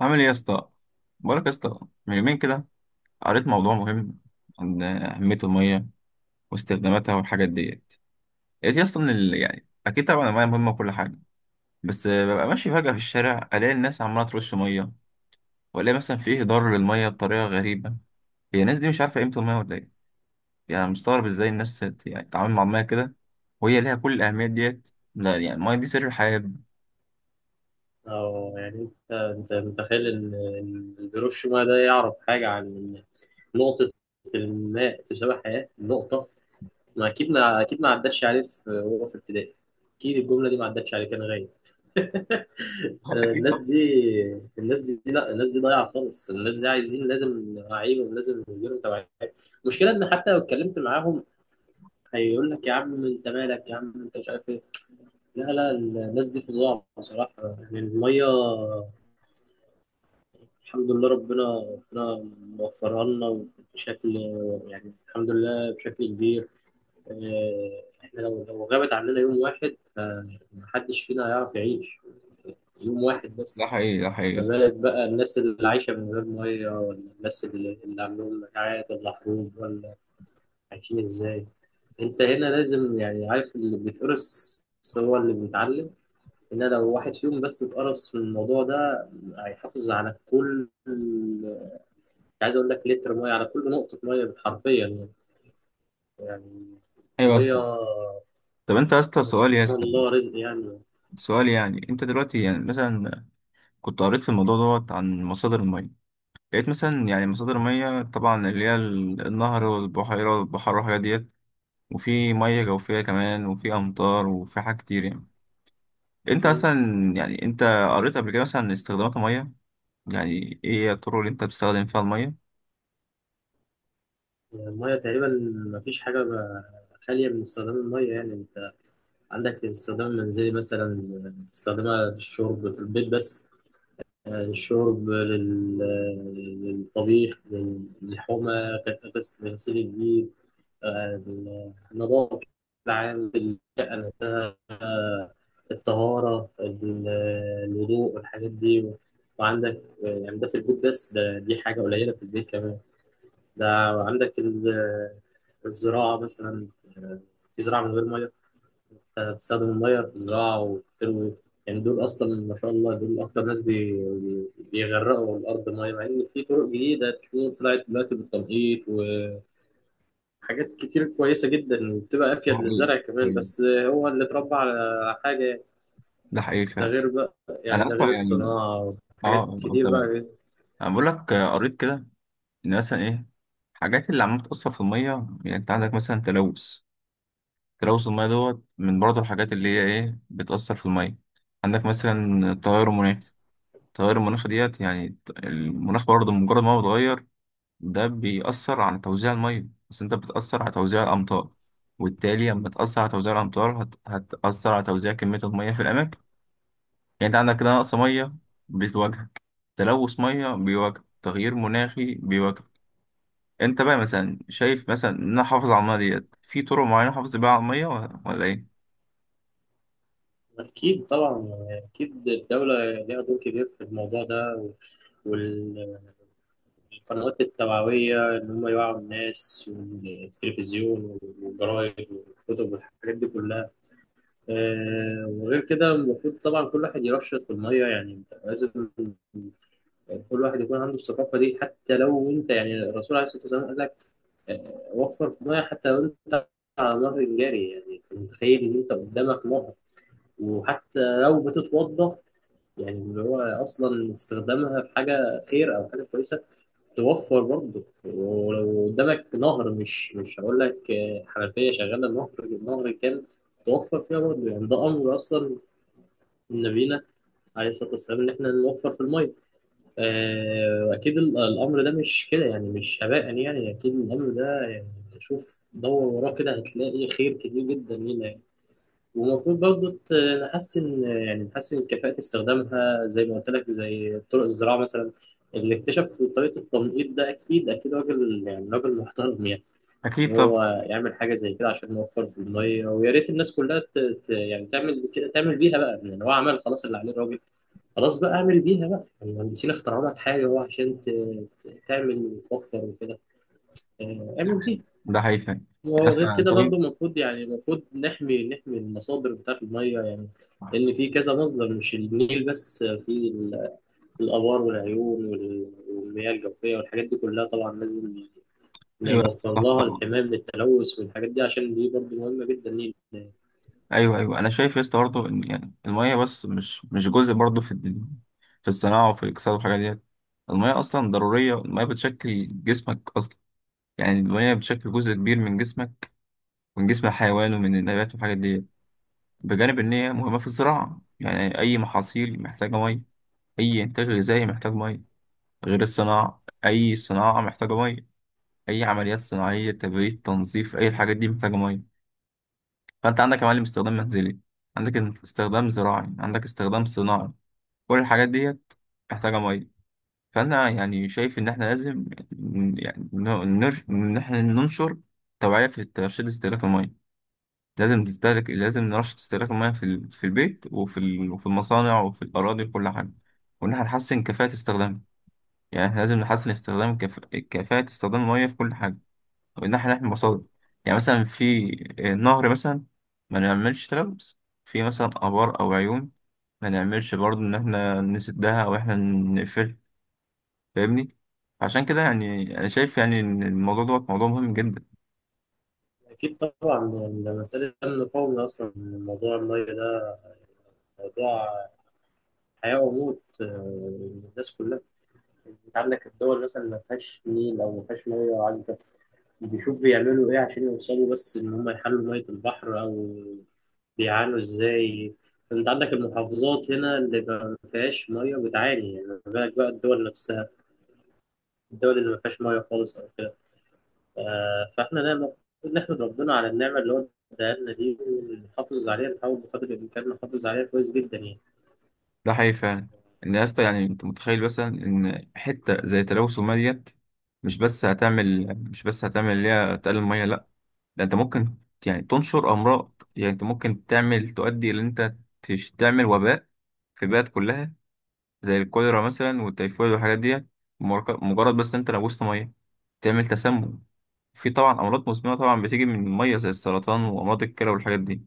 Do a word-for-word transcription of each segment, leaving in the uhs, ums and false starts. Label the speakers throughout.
Speaker 1: عامل ايه يا اسطى؟ بقولك يا اسطى، من يومين كده قريت موضوع مهم عن اهميه الميه واستخداماتها والحاجات ديت. لقيت يا اسطى ان ال- يعني اكيد طبعا الميه مهمه وكل حاجه، بس ببقى ماشي فجاه في الشارع الاقي الناس عماله ترش ميه، والاقي مثلا في هدار للميه بطريقه غريبه. هي الناس دي مش عارفه قيمه الميه ولا ايه؟ يعني مستغرب ازاي الناس ت- يعني تتعامل مع الميه كده وهي ليها كل الاهميه ديت. لا يعني الميه دي سر الحياه.
Speaker 2: أو يعني أنت أنت متخيل إن إن هيروشيما ده يعرف حاجة عن نقطة، الماء تساوي حياة نقطة. ما أكيد ما أكيد ما عدتش عليه في وهو في ابتدائي. أكيد الجملة دي ما عدتش عليه، كان غايب. آه،
Speaker 1: اكيد
Speaker 2: الناس
Speaker 1: طبعا.
Speaker 2: دي، الناس دي لا الناس دي ضايعة خالص. الناس دي عايزين، لازم نوعيهم، لازم يديروا توعية. المشكلة إن حتى لو اتكلمت معاهم هيقول لك: يا عم أنت مالك، يا عم أنت مش عارف إيه. لا لا الناس دي فظاع بصراحة. يعني المية، الحمد لله ربنا ربنا موفرها لنا بشكل، يعني الحمد لله بشكل كبير. آه، احنا لو لو غابت عننا يوم واحد فمحدش فينا هيعرف يعيش يوم واحد
Speaker 1: ده
Speaker 2: بس.
Speaker 1: حقيقي، ده حقيقي يا
Speaker 2: ما
Speaker 1: اسطى.
Speaker 2: بالك بقى الناس اللي عايشة من غير مية، ولا الناس اللي, اللي عندهم مجاعات ولا حروب ولا، عايشين ازاي؟ انت هنا لازم، يعني عارف، اللي بيتقرص هو اللي بيتعلم. هنا لو واحد فيهم بس اتقرص من الموضوع ده هيحافظ على كل، عايز اقول لك، لتر ميه على كل نقطه ميه حرفيا يعني. يعني
Speaker 1: ايوه يا
Speaker 2: الميه،
Speaker 1: اسطى. طب انت يا اسطى، سؤال يا
Speaker 2: سبحان
Speaker 1: اسطى،
Speaker 2: الله رزق يعني.
Speaker 1: سؤال، يعني انت دلوقتي يعني مثلا كنت قريت في الموضوع دوت عن مصادر المية. لقيت مثلا يعني مصادر المية طبعا اللي هي ال- النهر والبحيرة والبحر والحاجات ديت، وفي مية جوفية كمان وفي أمطار وفي حاجات كتير يعني. أنت
Speaker 2: مم.
Speaker 1: مثلا يعني أنت قريت قبل كده مثلا استخدامات المية، يعني إيه هي الطرق اللي أنت بتستخدم فيها المية؟
Speaker 2: الميه تقريبا ما فيش حاجه ب- خاليه من استخدام الميه. يعني انت عندك استخدام منزلي مثلا، استخدامها للشرب في البيت بس، الشرب، لل... للطبيخ، لل- للحومه، كت- غسل، غسيل الجيل، آه، النظافه العام، آه، الطهارة، ال- الوضوء والحاجات دي. وعندك آه، يعني ده في البيت بس، ده دي حاجة قليلة في البيت كمان. ده عندك ال- الزراعة مثلا، آه، في زراعة من غير مية؟ آه، تستخدم المية في الزراعة وتروي. يعني دول أصلا ما شاء الله دول أكتر ناس بي- بي- بيغرقوا الأرض مية، مع إن في طرق جديدة تكون طلعت دلوقتي بالتنقيط وحاجات كتير كويسة جدا وبتبقى أفيد
Speaker 1: ده حقيقي،
Speaker 2: للزرع كمان
Speaker 1: كويس.
Speaker 2: بس. هو اللي اتربى على حاجة.
Speaker 1: ده حقيقي
Speaker 2: ده
Speaker 1: فعلا.
Speaker 2: غير بقى، يعني
Speaker 1: أنا
Speaker 2: ده غير
Speaker 1: أصلا يعني
Speaker 2: الصناعة
Speaker 1: أه
Speaker 2: والحاجات
Speaker 1: آه،
Speaker 2: الكتير
Speaker 1: تمام.
Speaker 2: بقى.
Speaker 1: أنا بقول لك، آه، قريت كده إن مثلا إيه الحاجات اللي عمالة بتأثر في المية. يعني أنت عندك مثلا تلوث، تلوث المية دوت من برضه الحاجات اللي هي إيه بتأثر في المية. عندك مثلا التغير المناخي، التغير المناخي ديت، يعني المناخ برضه مجرد ما هو بيتغير ده بيأثر على توزيع المية، بس أنت بتأثر على توزيع الأمطار، وبالتالي لما تأثر على توزيع الأمطار هت... هتأثر على توزيع كمية المية في الأماكن. يعني أنت عندك كده نقص مية بتواجهك، تلوث مية بيواجهك، تغيير مناخي بيواجهك. أنت بقى مثلا شايف مثلا إن أنا أحافظ على المية ديت في طرق معينة أحافظ بيها على المية ولا ولا إيه؟
Speaker 2: أكيد طبعا، يعني أكيد الدولة ليها دور كبير في الموضوع ده، وال- والقنوات التوعوية إن هم يوعوا الناس، والتلفزيون والجرايد والكتب والحاجات دي كلها. آه، وغير كده المفروض طبعا كل واحد يرشد في المية. يعني أنت لازم كل واحد يكون عنده الثقافة دي. حتى لو أنت، يعني الرسول عليه الصلاة والسلام قال لك وفر في ميه حتى لو انت على نهر الجري. يعني انت متخيل ان انت قدامك نهر وحتى لو بتتوضى، يعني اللي هو اصلا استخدامها في حاجه خير او حاجه كويسه، توفر برضه. ولو قدامك نهر، مش مش هقول لك آه، حنفيه شغاله، نهر، النهر كان، توفر فيها برضه. يعني ده امر اصلا من نبينا عليه الصلاه والسلام ان احنا نوفر في الميه. آه، أكيد ال- الأمر ده مش كده يعني، مش هباء يعني. أكيد الأمر ده يعني شوف دور وراه كده هتلاقي خير كتير جدا لينا يعني. والمفروض برضه ت- نحسن، يعني نحسن كفاءة استخدامها زي ما قلت لك، زي طرق الزراعة مثلا. اللي اكتشف طريقة التنقيط ده أكيد أكيد راجل، يعني راجل محترم يعني، إن
Speaker 1: أكيد
Speaker 2: هو
Speaker 1: طب.
Speaker 2: يعمل حاجة زي كده عشان نوفر في المية. ويا ريت الناس كلها ت... ت... يعني تعمل كده، تعمل بيها بقى. يعني هو عمل خلاص اللي عليه الراجل. خلاص بقى اعمل بيها بقى، المهندسين اخترعوا لك حاجة هو عشان ت- ت- تعمل وتوفر وكده. آه، اعمل بيها.
Speaker 1: ده حقيقي فعلا. يعني
Speaker 2: وغير
Speaker 1: اصلا انا
Speaker 2: كده
Speaker 1: شايف.
Speaker 2: برضه المفروض، يعني المفروض نحمي نحمي المصادر بتاعت المية يعني. لأن في كذا مصدر مش النيل بس. آه، في ال- الآبار والعيون وال- والمياه الجوفية والحاجات دي كلها، طبعا لازم
Speaker 1: ايوه يا اسطى،
Speaker 2: نوفر
Speaker 1: صح
Speaker 2: لها
Speaker 1: طبعا.
Speaker 2: الحماية من التلوث والحاجات دي، عشان دي برضه مهمة جدا لينا.
Speaker 1: ايوه ايوه انا شايف يا اسطى برضه ان يعني الميه بس مش مش جزء برضه في الدنيا، في الصناعه وفي الاقتصاد والحاجات ديت. الميه اصلا ضروريه، الميه بتشكل جسمك اصلا، يعني الميه بتشكل جزء كبير من جسمك، من جسم الحيوان ومن النبات والحاجات ديت. بجانب ان هي مهمه في الزراعه، يعني اي محاصيل محتاجه ميه، اي انتاج غذائي محتاج ميه. غير الصناعه، اي صناعه محتاجه ميه، اي عمليات صناعيه تبريد تنظيف اي الحاجات دي محتاجه ميه. فانت عندك يا معلم استخدام منزلي، عندك استخدام زراعي، عندك استخدام صناعي، كل الحاجات ديت محتاجة مية. فانا يعني شايف ان احنا لازم ن- يعني ن- نر- ان احنا ننشر توعية في ترشيد استهلاك المية. لازم تستهلك، لازم نرشد استهلاك المية في ال- في البيت وفي ال- وفي المصانع وفي الأراضي وكل حاجة، وإن احنا نحسن كفاءة استخدامها. يعني احنا لازم نحسن استخدام كف... كفاءة استخدام المية في كل حاجة، من ناحية ناحية المصادر. يعني مثلا في نهر مثلا، ما نعملش تلوث. في مثلا آبار أو عيون، ما نعملش برضه إن إحنا نسدها أو إحنا نقفل، فاهمني. عشان كده يعني أنا شايف يعني إن الموضوع دوت موضوع مهم جدا.
Speaker 2: أكيد طبعا، يعني ده مسألة أمن قومي أصلا، موضوع المية ده موضوع هيبقى موت الناس كلها. انت عندك الدول مثلا ما فيهاش نيل او ما فيهاش ميه عذبه، بيشوف بيعملوا ايه عشان يوصلوا بس ان هم يحلوا ميه البحر، او بيعانوا ازاي. انت عندك المحافظات هنا اللي ما فيهاش ميه بتعاني، يعني ما بالك بقى الدول نفسها، الدول اللي ما فيهاش ميه خالص او كده. ف- فاحنا لا، المفروض نحمد ربنا على النعمه اللي هو اداها لنا دي، ونحافظ عليها، نحاول بقدر الامكان نحافظ عليها كويس جدا يعني.
Speaker 1: ده حقيقي فعلا. إن يا اسطى يعني أنت متخيل مثلا إن حتة زي تلوث المياه ديت، مش بس هتعمل مش بس هتعمل اللي هي تقلل المياه؟ لأ، ده أنت ممكن يعني تنشر أمراض، يعني أنت ممكن تعمل تؤدي إلى إن أنت تش- تعمل وباء في البلد كلها، زي الكوليرا مثلا والتيفويد والحاجات دي. مجرد مجرد بس انت لبست ميه، تعمل تسمم. في طبعا امراض مزمنه طبعا بتيجي من الميه زي السرطان وامراض الكلى والحاجات دي.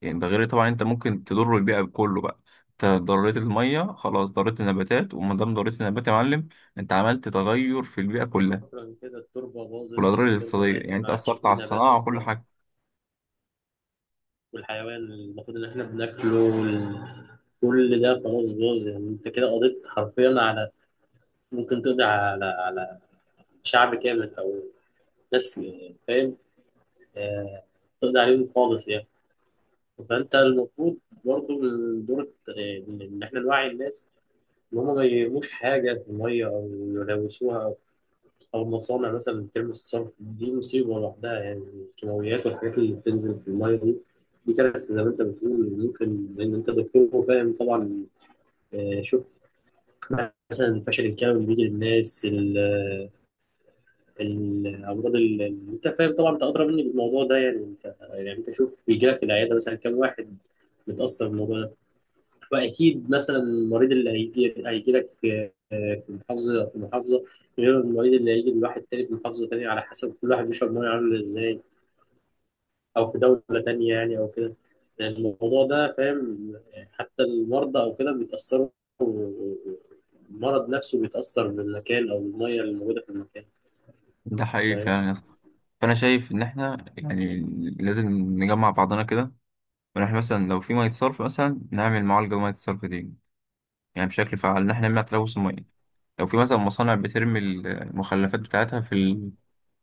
Speaker 1: يعني ده غير طبعا انت ممكن تضر البيئه كله بقى. انت ضريت الميه خلاص، ضريت النباتات، وما دام ضريت النبات يا معلم انت عملت تغير في البيئه كلها،
Speaker 2: شكرا كده، التربة باظت،
Speaker 1: والاضرار
Speaker 2: التربة
Speaker 1: الاقتصاديه، يعني
Speaker 2: ماتت، ما
Speaker 1: انت
Speaker 2: عادش
Speaker 1: اثرت على
Speaker 2: في نبات
Speaker 1: الصناعه وكل
Speaker 2: أصلا.
Speaker 1: حاجه.
Speaker 2: والحيوان المفروض إن إحنا بناكله وال- كل ده خلاص باظ. يعني أنت كده قضيت حرفيا على، ممكن تقضي على على شعب كامل أو ناس، فاهم؟ آه، تقضي عليهم خالص يعني. فأنت المفروض برضه من دور الت- إن إن إحنا نوعي الناس إن هما ما يرموش حاجة في المية أو يلوثوها. أو مصانع مثلا بترمي الصرف، دي مصيبة لوحدها يعني، الكيماويات والحاجات اللي بتنزل في المية دي، دي كارثة زي ما أنت بتقول، ممكن، لأن أنت دكتور وفاهم طبعا. آه، شوف مثلا الفشل الكلوي اللي بيجي للناس، ال- ال- الأمراض اللي، أنت فاهم طبعا، أنت أدرى مني بالموضوع ده يعني. أنت يعني أنت شوف بيجي لك العيادة مثلا كام واحد متأثر بالموضوع. واكيد مثلا المريض اللي هيجي، هيجي لك في في محافظه في محافظه، غير المريض اللي هيجي من واحد تاني في محافظه تانيه، على حسب كل واحد بيشرب ميه عامل ازاي، او في دوله تانيه يعني، او كده. يعني الموضوع ده، فاهم؟ حتى المرضى او كده بيتاثروا، المرض نفسه بيتاثر بالمكان او الميه اللي موجوده في المكان،
Speaker 1: ده حقيقي
Speaker 2: فاهم؟
Speaker 1: فعلا يا اسطى. فانا شايف ان احنا يعني لازم نجمع بعضنا كده، ونحن مثلا لو في ميه صرف مثلا نعمل معالجه لميه الصرف دي، يعني بشكل فعال إن إحنا نمنع تلوث المية. لو في مثلا مصانع بترمي المخلفات بتاعتها في ال-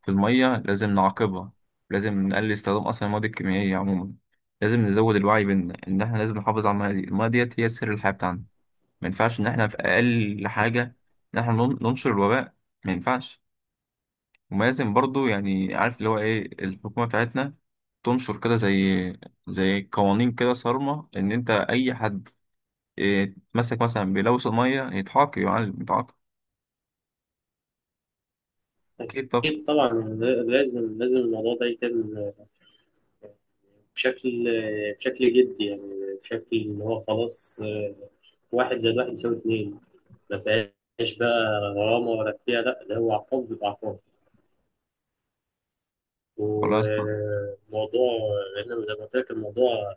Speaker 1: في المية، لازم نعاقبها، لازم نقلل استخدام أصلا المواد الكيميائية عموما، لازم نزود الوعي بإن إن إحنا لازم نحافظ على المية دي. المية ديت هي سر الحياة بتاعنا، ما ينفعش إن إحنا في أقل حاجة إن إحنا نن- ننشر الوباء. ما ينفعش. وما لازم برضه يعني عارف اللي هو إيه، الحكومة بتاعتنا تنشر كده زي زي قوانين كده صارمة إن أنت أي حد يتمسك مثلا بيلوث المية يتعاقب، يعالج يتعاقب. أكيد طب.
Speaker 2: اكيد طبعا. لازم لازم الموضوع ده يتم بشكل بشكل جدي يعني، بشكل ان هو خلاص. آه، واحد زائد واحد يساوي اتنين، ما فيهاش بقى غرامة ولا فيها لا، ده هو عقاب، بيبقى عقاب.
Speaker 1: والله يا اسطى.
Speaker 2: وموضوع، لأن زي ما قلت لك الموضوع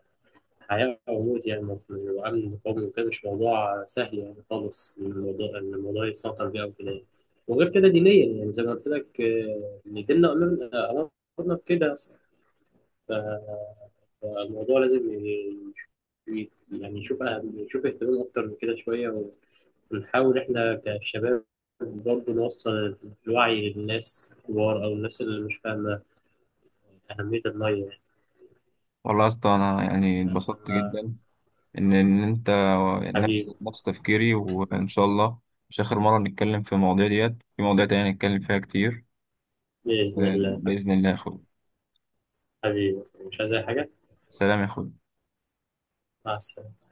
Speaker 2: حياة وموت يعني، وأمن قومي وكده، مش موضوع سهل يعني خالص، إن الموضوع إن الموضوع يسيطر بيه أو كده يعني. وغير كده دينيا، يعني زي ما قلت لك آه، إن ديننا أمرنا، أمرنا بكده أصلا. فالموضوع لازم ي- ي- يعني يشوف أهم، يشوف اهتمام أكتر من كده شوية. بنحاول إحنا كشباب برضه نوصل الوعي للناس الكبار أو الناس اللي مش فاهمة أهمية المية،
Speaker 1: والله يا اسطى، أنا يعني
Speaker 2: يعني
Speaker 1: اتبسطت
Speaker 2: آه،
Speaker 1: جدا إن إن أنت نفس
Speaker 2: حبيبي،
Speaker 1: نفس تفكيري، وإن شاء الله مش آخر مرة نتكلم في المواضيع ديت، في مواضيع تانية نتكلم فيها كتير.
Speaker 2: بإذن
Speaker 1: آه،
Speaker 2: الله.
Speaker 1: بإذن الله يا أخوي.
Speaker 2: حبيبي مش عايز أي حاجة.
Speaker 1: سلام يا أخوي.
Speaker 2: مع السلامة.